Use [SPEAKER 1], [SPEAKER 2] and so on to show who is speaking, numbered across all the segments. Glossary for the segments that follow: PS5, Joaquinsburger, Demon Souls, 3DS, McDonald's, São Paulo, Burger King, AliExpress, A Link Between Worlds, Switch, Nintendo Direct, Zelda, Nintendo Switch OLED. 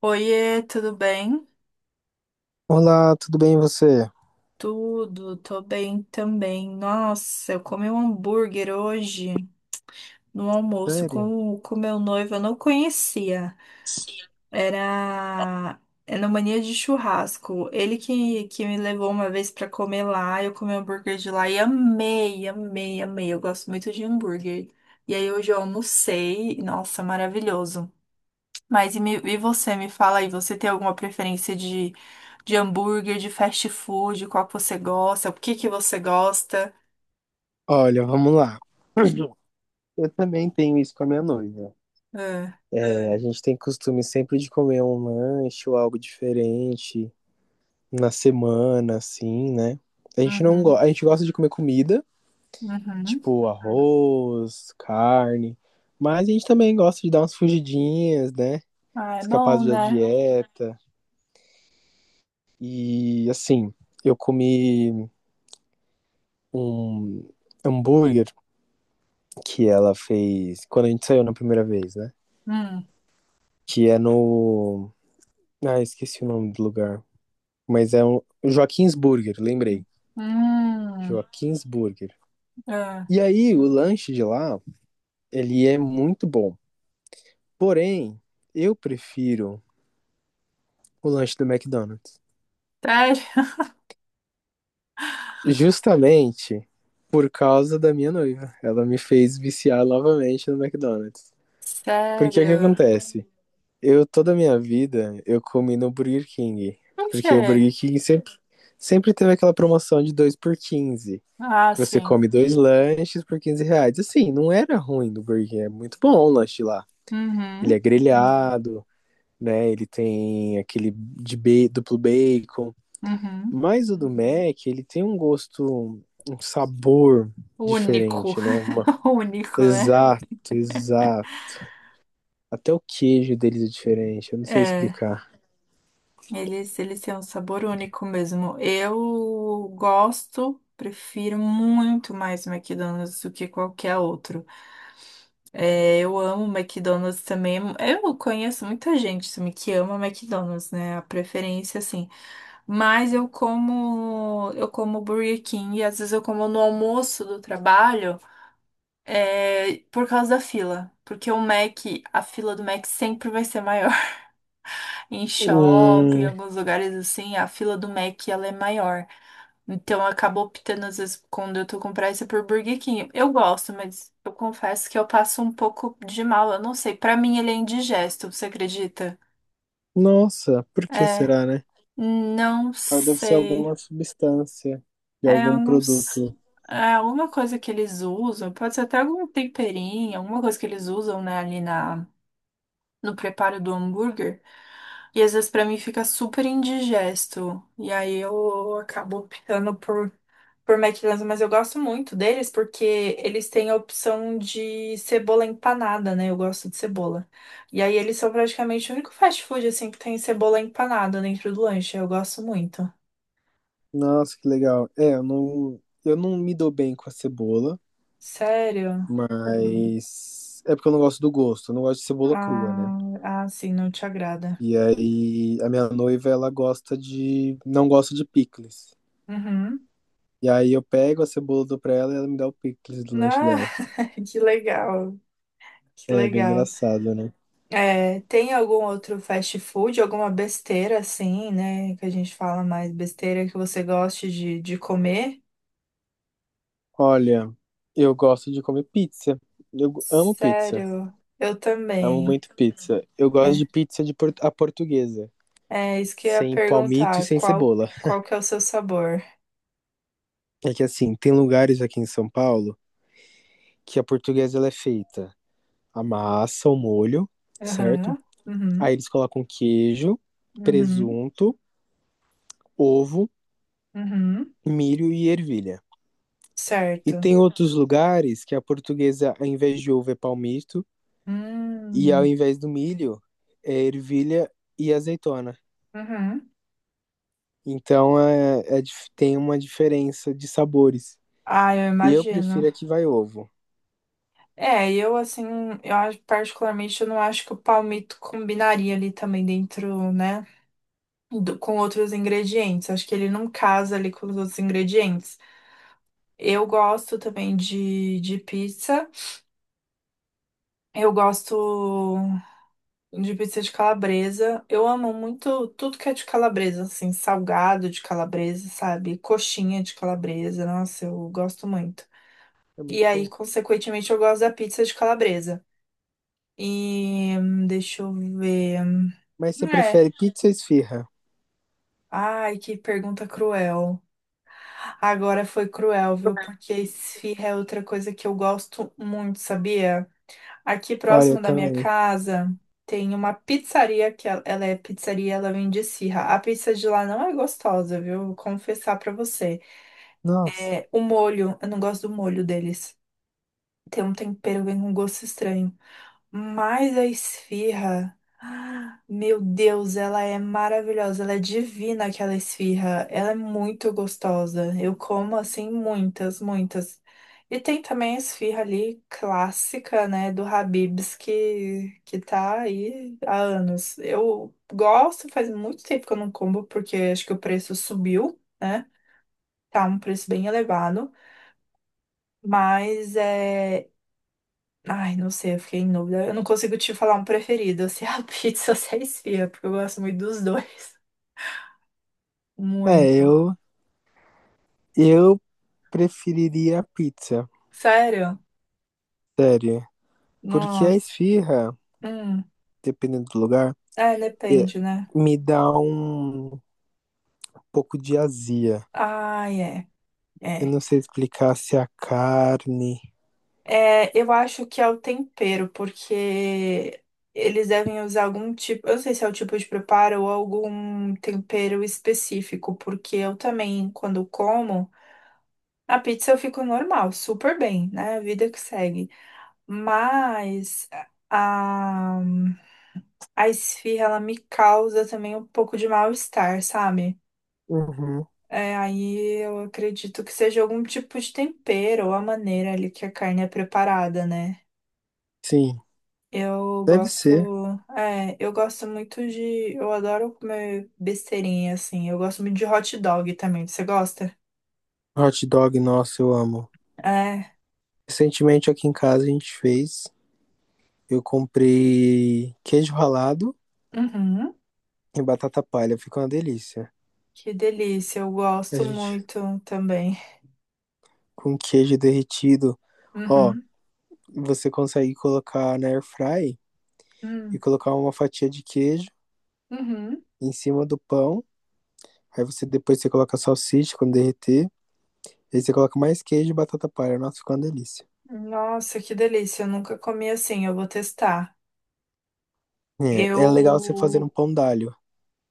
[SPEAKER 1] Oiê, tudo bem?
[SPEAKER 2] Olá, tudo bem e você?
[SPEAKER 1] Tudo, tô bem também. Nossa, eu comi um hambúrguer hoje no almoço
[SPEAKER 2] Sério?
[SPEAKER 1] com o meu noivo, eu não conhecia. Era, era mania de churrasco. Ele que me levou uma vez pra comer lá, eu comi um hambúrguer de lá e amei, amei, amei. Eu gosto muito de hambúrguer. E aí hoje eu almocei, nossa, maravilhoso. Mas e você, me fala aí, você tem alguma preferência de hambúrguer, de fast food, qual que você gosta, o que que você gosta?
[SPEAKER 2] Olha, vamos lá. Eu também tenho isso com a minha noiva.
[SPEAKER 1] Ah,
[SPEAKER 2] É, a gente tem costume sempre de comer um lanche ou algo diferente na semana, assim, né? A gente não go...
[SPEAKER 1] uhum,
[SPEAKER 2] A gente gosta de comer comida,
[SPEAKER 1] uhum.
[SPEAKER 2] tipo arroz, carne, mas a gente também gosta de dar umas fugidinhas, né?
[SPEAKER 1] Ah, é
[SPEAKER 2] Escapar
[SPEAKER 1] bom,
[SPEAKER 2] da
[SPEAKER 1] né?
[SPEAKER 2] dieta. E assim, eu comi um hambúrguer que ela fez quando a gente saiu na primeira vez, né?
[SPEAKER 1] Hum,
[SPEAKER 2] Que é no. Ah, esqueci o nome do lugar. Mas é um. Joaquinsburger, lembrei.
[SPEAKER 1] hum,
[SPEAKER 2] Joaquinsburger.
[SPEAKER 1] ah,
[SPEAKER 2] E aí, o lanche de lá, ele é muito bom. Porém, eu prefiro o lanche do McDonald's.
[SPEAKER 1] sério?
[SPEAKER 2] Justamente por causa da minha noiva. Ela me fez viciar novamente no McDonald's. Porque o que
[SPEAKER 1] Sério?
[SPEAKER 2] acontece? Eu, toda a minha vida, eu comi no Burger King.
[SPEAKER 1] Por
[SPEAKER 2] Porque o
[SPEAKER 1] quê?
[SPEAKER 2] Burger King sempre teve aquela promoção de 2 por 15.
[SPEAKER 1] Ah,
[SPEAKER 2] Que você
[SPEAKER 1] sim.
[SPEAKER 2] come 2 lanches por R$ 15. Assim, não era ruim do Burger King. É muito bom o lanche lá. Ele é
[SPEAKER 1] Uhum,
[SPEAKER 2] grelhado, né? Ele tem aquele duplo bacon.
[SPEAKER 1] uhum.
[SPEAKER 2] Mas o do Mac, ele tem um gosto, um sabor
[SPEAKER 1] Único,
[SPEAKER 2] diferente, né? Uma...
[SPEAKER 1] único, né?
[SPEAKER 2] Exato, exato. Até o queijo deles é diferente. Eu não sei
[SPEAKER 1] É.
[SPEAKER 2] explicar.
[SPEAKER 1] Eles têm um sabor único mesmo. Eu gosto, prefiro muito mais McDonald's do que qualquer outro. É, eu amo McDonald's também. Eu conheço muita gente também que ama McDonald's, né? A preferência, assim. Mas eu como Burger King e às vezes eu como no almoço do trabalho, é, por causa da fila. Porque o Mac, a fila do Mac sempre vai ser maior. Em shopping, em
[SPEAKER 2] Hum.
[SPEAKER 1] alguns lugares assim, a fila do Mac ela é maior. Então eu acabo optando, às vezes, quando eu tô com pressa, por Burger King. Eu gosto, mas eu confesso que eu passo um pouco de mal. Eu não sei. Pra mim ele é indigesto, você acredita?
[SPEAKER 2] Nossa, por que
[SPEAKER 1] É,
[SPEAKER 2] será, né?
[SPEAKER 1] não
[SPEAKER 2] Ah, deve ser
[SPEAKER 1] sei.
[SPEAKER 2] alguma substância de
[SPEAKER 1] É, eu
[SPEAKER 2] algum
[SPEAKER 1] não
[SPEAKER 2] produto.
[SPEAKER 1] sei. É alguma coisa que eles usam, pode ser até algum temperinho, alguma coisa que eles usam, né, no preparo do hambúrguer. E às vezes pra mim fica super indigesto. E aí eu acabo optando por McDonald's, mas eu gosto muito deles porque eles têm a opção de cebola empanada, né? Eu gosto de cebola. E aí eles são praticamente o único fast food assim que tem cebola empanada dentro do lanche. Eu gosto muito.
[SPEAKER 2] Nossa, que legal. É, eu não me dou bem com a cebola,
[SPEAKER 1] Sério?
[SPEAKER 2] mas é porque eu não gosto do gosto, eu não gosto de cebola crua, né?
[SPEAKER 1] Ah, ah, sim, não te agrada.
[SPEAKER 2] E aí a minha noiva, ela gosta de, não gosta de picles.
[SPEAKER 1] Uhum.
[SPEAKER 2] E aí eu pego a cebola, dou pra ela e ela me dá o picles do lanche
[SPEAKER 1] Ah,
[SPEAKER 2] dela.
[SPEAKER 1] que legal. Que
[SPEAKER 2] É bem
[SPEAKER 1] legal.
[SPEAKER 2] engraçado, né?
[SPEAKER 1] É, tem algum outro fast food, alguma besteira assim, né? Que a gente fala mais besteira que você goste de comer?
[SPEAKER 2] Olha, eu gosto de comer pizza. Eu amo pizza.
[SPEAKER 1] Sério, eu
[SPEAKER 2] Amo
[SPEAKER 1] também.
[SPEAKER 2] muito pizza. Eu gosto
[SPEAKER 1] É,
[SPEAKER 2] de pizza de a portuguesa,
[SPEAKER 1] é isso que eu ia
[SPEAKER 2] sem palmito e
[SPEAKER 1] perguntar.
[SPEAKER 2] sem cebola.
[SPEAKER 1] Qual que é o seu sabor?
[SPEAKER 2] É que assim, tem lugares aqui em São Paulo que a portuguesa ela é feita a massa, o molho, certo?
[SPEAKER 1] Aham,
[SPEAKER 2] Aí
[SPEAKER 1] uhum,
[SPEAKER 2] eles colocam queijo,
[SPEAKER 1] uhum,
[SPEAKER 2] presunto, ovo,
[SPEAKER 1] uhum,
[SPEAKER 2] milho e ervilha. E
[SPEAKER 1] certo.
[SPEAKER 2] tem outros lugares que a portuguesa, ao invés de ovo, é palmito, e ao
[SPEAKER 1] Hum,
[SPEAKER 2] invés do milho, é ervilha e azeitona.
[SPEAKER 1] uhum.
[SPEAKER 2] Tem uma diferença de sabores.
[SPEAKER 1] Ah, eu
[SPEAKER 2] E eu
[SPEAKER 1] imagino.
[SPEAKER 2] prefiro a que vai ovo.
[SPEAKER 1] É, eu assim, particularmente eu não acho que o palmito combinaria ali também dentro, né? Com outros ingredientes. Acho que ele não casa ali com os outros ingredientes. Eu gosto também de pizza. Eu gosto de pizza de calabresa. Eu amo muito tudo que é de calabresa, assim, salgado de calabresa, sabe? Coxinha de calabresa. Nossa, eu gosto muito.
[SPEAKER 2] É muito
[SPEAKER 1] E aí,
[SPEAKER 2] bom.
[SPEAKER 1] consequentemente, eu gosto da pizza de calabresa. E deixa eu ver.
[SPEAKER 2] Mas você
[SPEAKER 1] É.
[SPEAKER 2] prefere pizza ou esfirra?
[SPEAKER 1] Ai, que pergunta cruel. Agora foi cruel, viu? Porque esfirra é outra coisa que eu gosto muito, sabia? Aqui
[SPEAKER 2] Olha, eu
[SPEAKER 1] próximo da minha
[SPEAKER 2] também.
[SPEAKER 1] casa tem uma pizzaria que ela é pizzaria, ela vende esfirra. A pizza de lá não é gostosa, viu? Vou confessar pra você.
[SPEAKER 2] Nossa.
[SPEAKER 1] É, o molho, eu não gosto do molho deles. Tem um tempero, vem com um gosto estranho. Mas a esfirra, ah, meu Deus, ela é maravilhosa, ela é divina aquela esfirra, ela é muito gostosa. Eu como assim muitas, muitas. E tem também a esfirra ali clássica, né, do Habib's que tá aí há anos. Eu gosto, faz muito tempo que eu não como porque acho que o preço subiu, né? Tá um preço bem elevado, mas é. Ai, não sei, eu fiquei em dúvida. Eu não consigo te falar um preferido, se é a pizza ou se é a esfirra, porque eu gosto muito dos dois.
[SPEAKER 2] É,
[SPEAKER 1] Muito.
[SPEAKER 2] eu, eu preferiria a pizza.
[SPEAKER 1] Sério?
[SPEAKER 2] Sério. Porque a
[SPEAKER 1] Nossa.
[SPEAKER 2] esfirra,
[SPEAKER 1] Hum.
[SPEAKER 2] dependendo do lugar,
[SPEAKER 1] É,
[SPEAKER 2] é-
[SPEAKER 1] depende, né?
[SPEAKER 2] me dá um pouco de azia.
[SPEAKER 1] Ai, é,
[SPEAKER 2] Eu
[SPEAKER 1] é.
[SPEAKER 2] não sei explicar se é a carne.
[SPEAKER 1] É, eu acho que é o tempero, porque eles devem usar algum tipo, eu não sei se é o tipo de preparo ou algum tempero específico, porque eu também, quando como, a pizza eu fico normal, super bem, né? A vida que segue. Mas a, a esfirra, ela me causa também um pouco de mal-estar, sabe?
[SPEAKER 2] Uhum.
[SPEAKER 1] É, aí eu acredito que seja algum tipo de tempero ou a maneira ali que a carne é preparada, né?
[SPEAKER 2] Sim,
[SPEAKER 1] Eu
[SPEAKER 2] deve
[SPEAKER 1] gosto,
[SPEAKER 2] ser.
[SPEAKER 1] é, eu gosto muito de, eu adoro comer besteirinha, assim. Eu gosto muito de hot dog também. Você gosta?
[SPEAKER 2] Hot dog, nossa, eu amo.
[SPEAKER 1] É.
[SPEAKER 2] Recentemente aqui em casa a gente fez. Eu comprei queijo ralado
[SPEAKER 1] Uhum.
[SPEAKER 2] e batata palha fica uma delícia.
[SPEAKER 1] Que delícia. Eu
[SPEAKER 2] A
[SPEAKER 1] gosto
[SPEAKER 2] gente
[SPEAKER 1] muito também.
[SPEAKER 2] com queijo derretido. Ó,
[SPEAKER 1] Uhum.
[SPEAKER 2] você consegue colocar na air fry
[SPEAKER 1] Hum.
[SPEAKER 2] e colocar uma fatia de queijo
[SPEAKER 1] Uhum.
[SPEAKER 2] em cima do pão. Aí você depois você coloca a salsicha quando derreter. Aí você coloca mais queijo e batata palha. Nossa, fica uma delícia.
[SPEAKER 1] Nossa, que delícia. Eu nunca comi assim. Eu vou testar.
[SPEAKER 2] É, é legal você fazer um
[SPEAKER 1] Eu.
[SPEAKER 2] pão d'alho.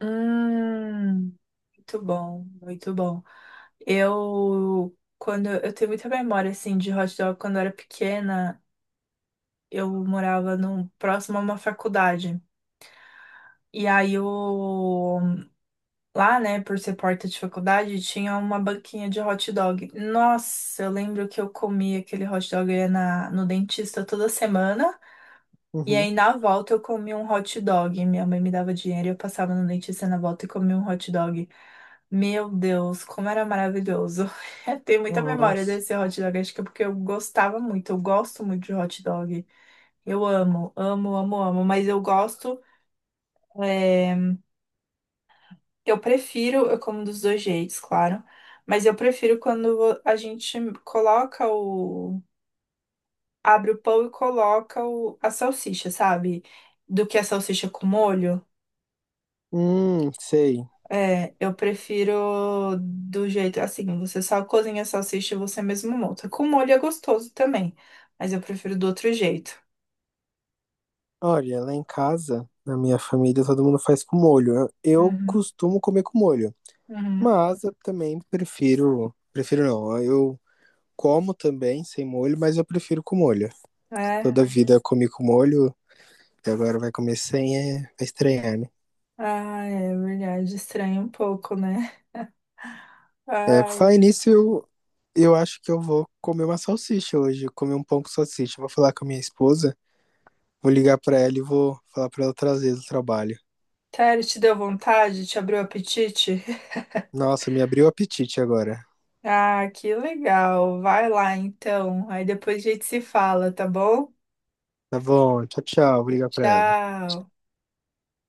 [SPEAKER 1] Hum, muito bom, muito bom. Eu. Quando eu tenho muita memória assim de hot dog quando eu era pequena, eu morava num, próximo a uma faculdade. E aí eu lá, né, por ser porta de faculdade, tinha uma banquinha de hot dog. Nossa, eu lembro que eu comia aquele hot dog eu ia no dentista toda semana. E
[SPEAKER 2] Uhum.
[SPEAKER 1] aí na volta eu comi um hot dog. Minha mãe me dava dinheiro e eu passava no dentista na volta e comia um hot dog. Meu Deus, como era maravilhoso. Eu tenho muita memória
[SPEAKER 2] Nossa.
[SPEAKER 1] desse hot dog, acho que é porque eu gostava muito, eu gosto muito de hot dog. Eu amo, amo, amo, amo, mas eu gosto, é, eu prefiro, eu como dos dois jeitos, claro, mas eu prefiro quando a gente coloca o, abre o pão e coloca a salsicha, sabe? Do que a salsicha com molho.
[SPEAKER 2] Sei.
[SPEAKER 1] É, eu prefiro do jeito assim, você só cozinha a salsicha e você mesmo monta. Com molho é gostoso também, mas eu prefiro do outro jeito.
[SPEAKER 2] Olha, lá em casa, na minha família, todo mundo faz com molho. Eu
[SPEAKER 1] Uhum,
[SPEAKER 2] costumo comer com molho.
[SPEAKER 1] uhum.
[SPEAKER 2] Mas eu também prefiro. Prefiro não. Eu como também sem molho, mas eu prefiro com molho.
[SPEAKER 1] É,
[SPEAKER 2] Toda a vida eu comi com molho, e agora vai comer sem, é vai estranhar, né?
[SPEAKER 1] ah, é verdade, estranha um pouco, né?
[SPEAKER 2] É, por
[SPEAKER 1] Ai,
[SPEAKER 2] falar
[SPEAKER 1] ai.
[SPEAKER 2] nisso, eu acho que eu vou comer uma salsicha hoje, comer um pão com salsicha. Eu vou falar com a minha esposa, vou ligar pra ela e vou falar pra ela trazer do trabalho.
[SPEAKER 1] Sério, te deu vontade? Te abriu o apetite?
[SPEAKER 2] Nossa, me abriu o apetite agora.
[SPEAKER 1] Ah, que legal. Vai lá então. Aí depois a gente se fala, tá bom?
[SPEAKER 2] Tá bom, tchau, tchau. Vou ligar pra ela.
[SPEAKER 1] Tchau.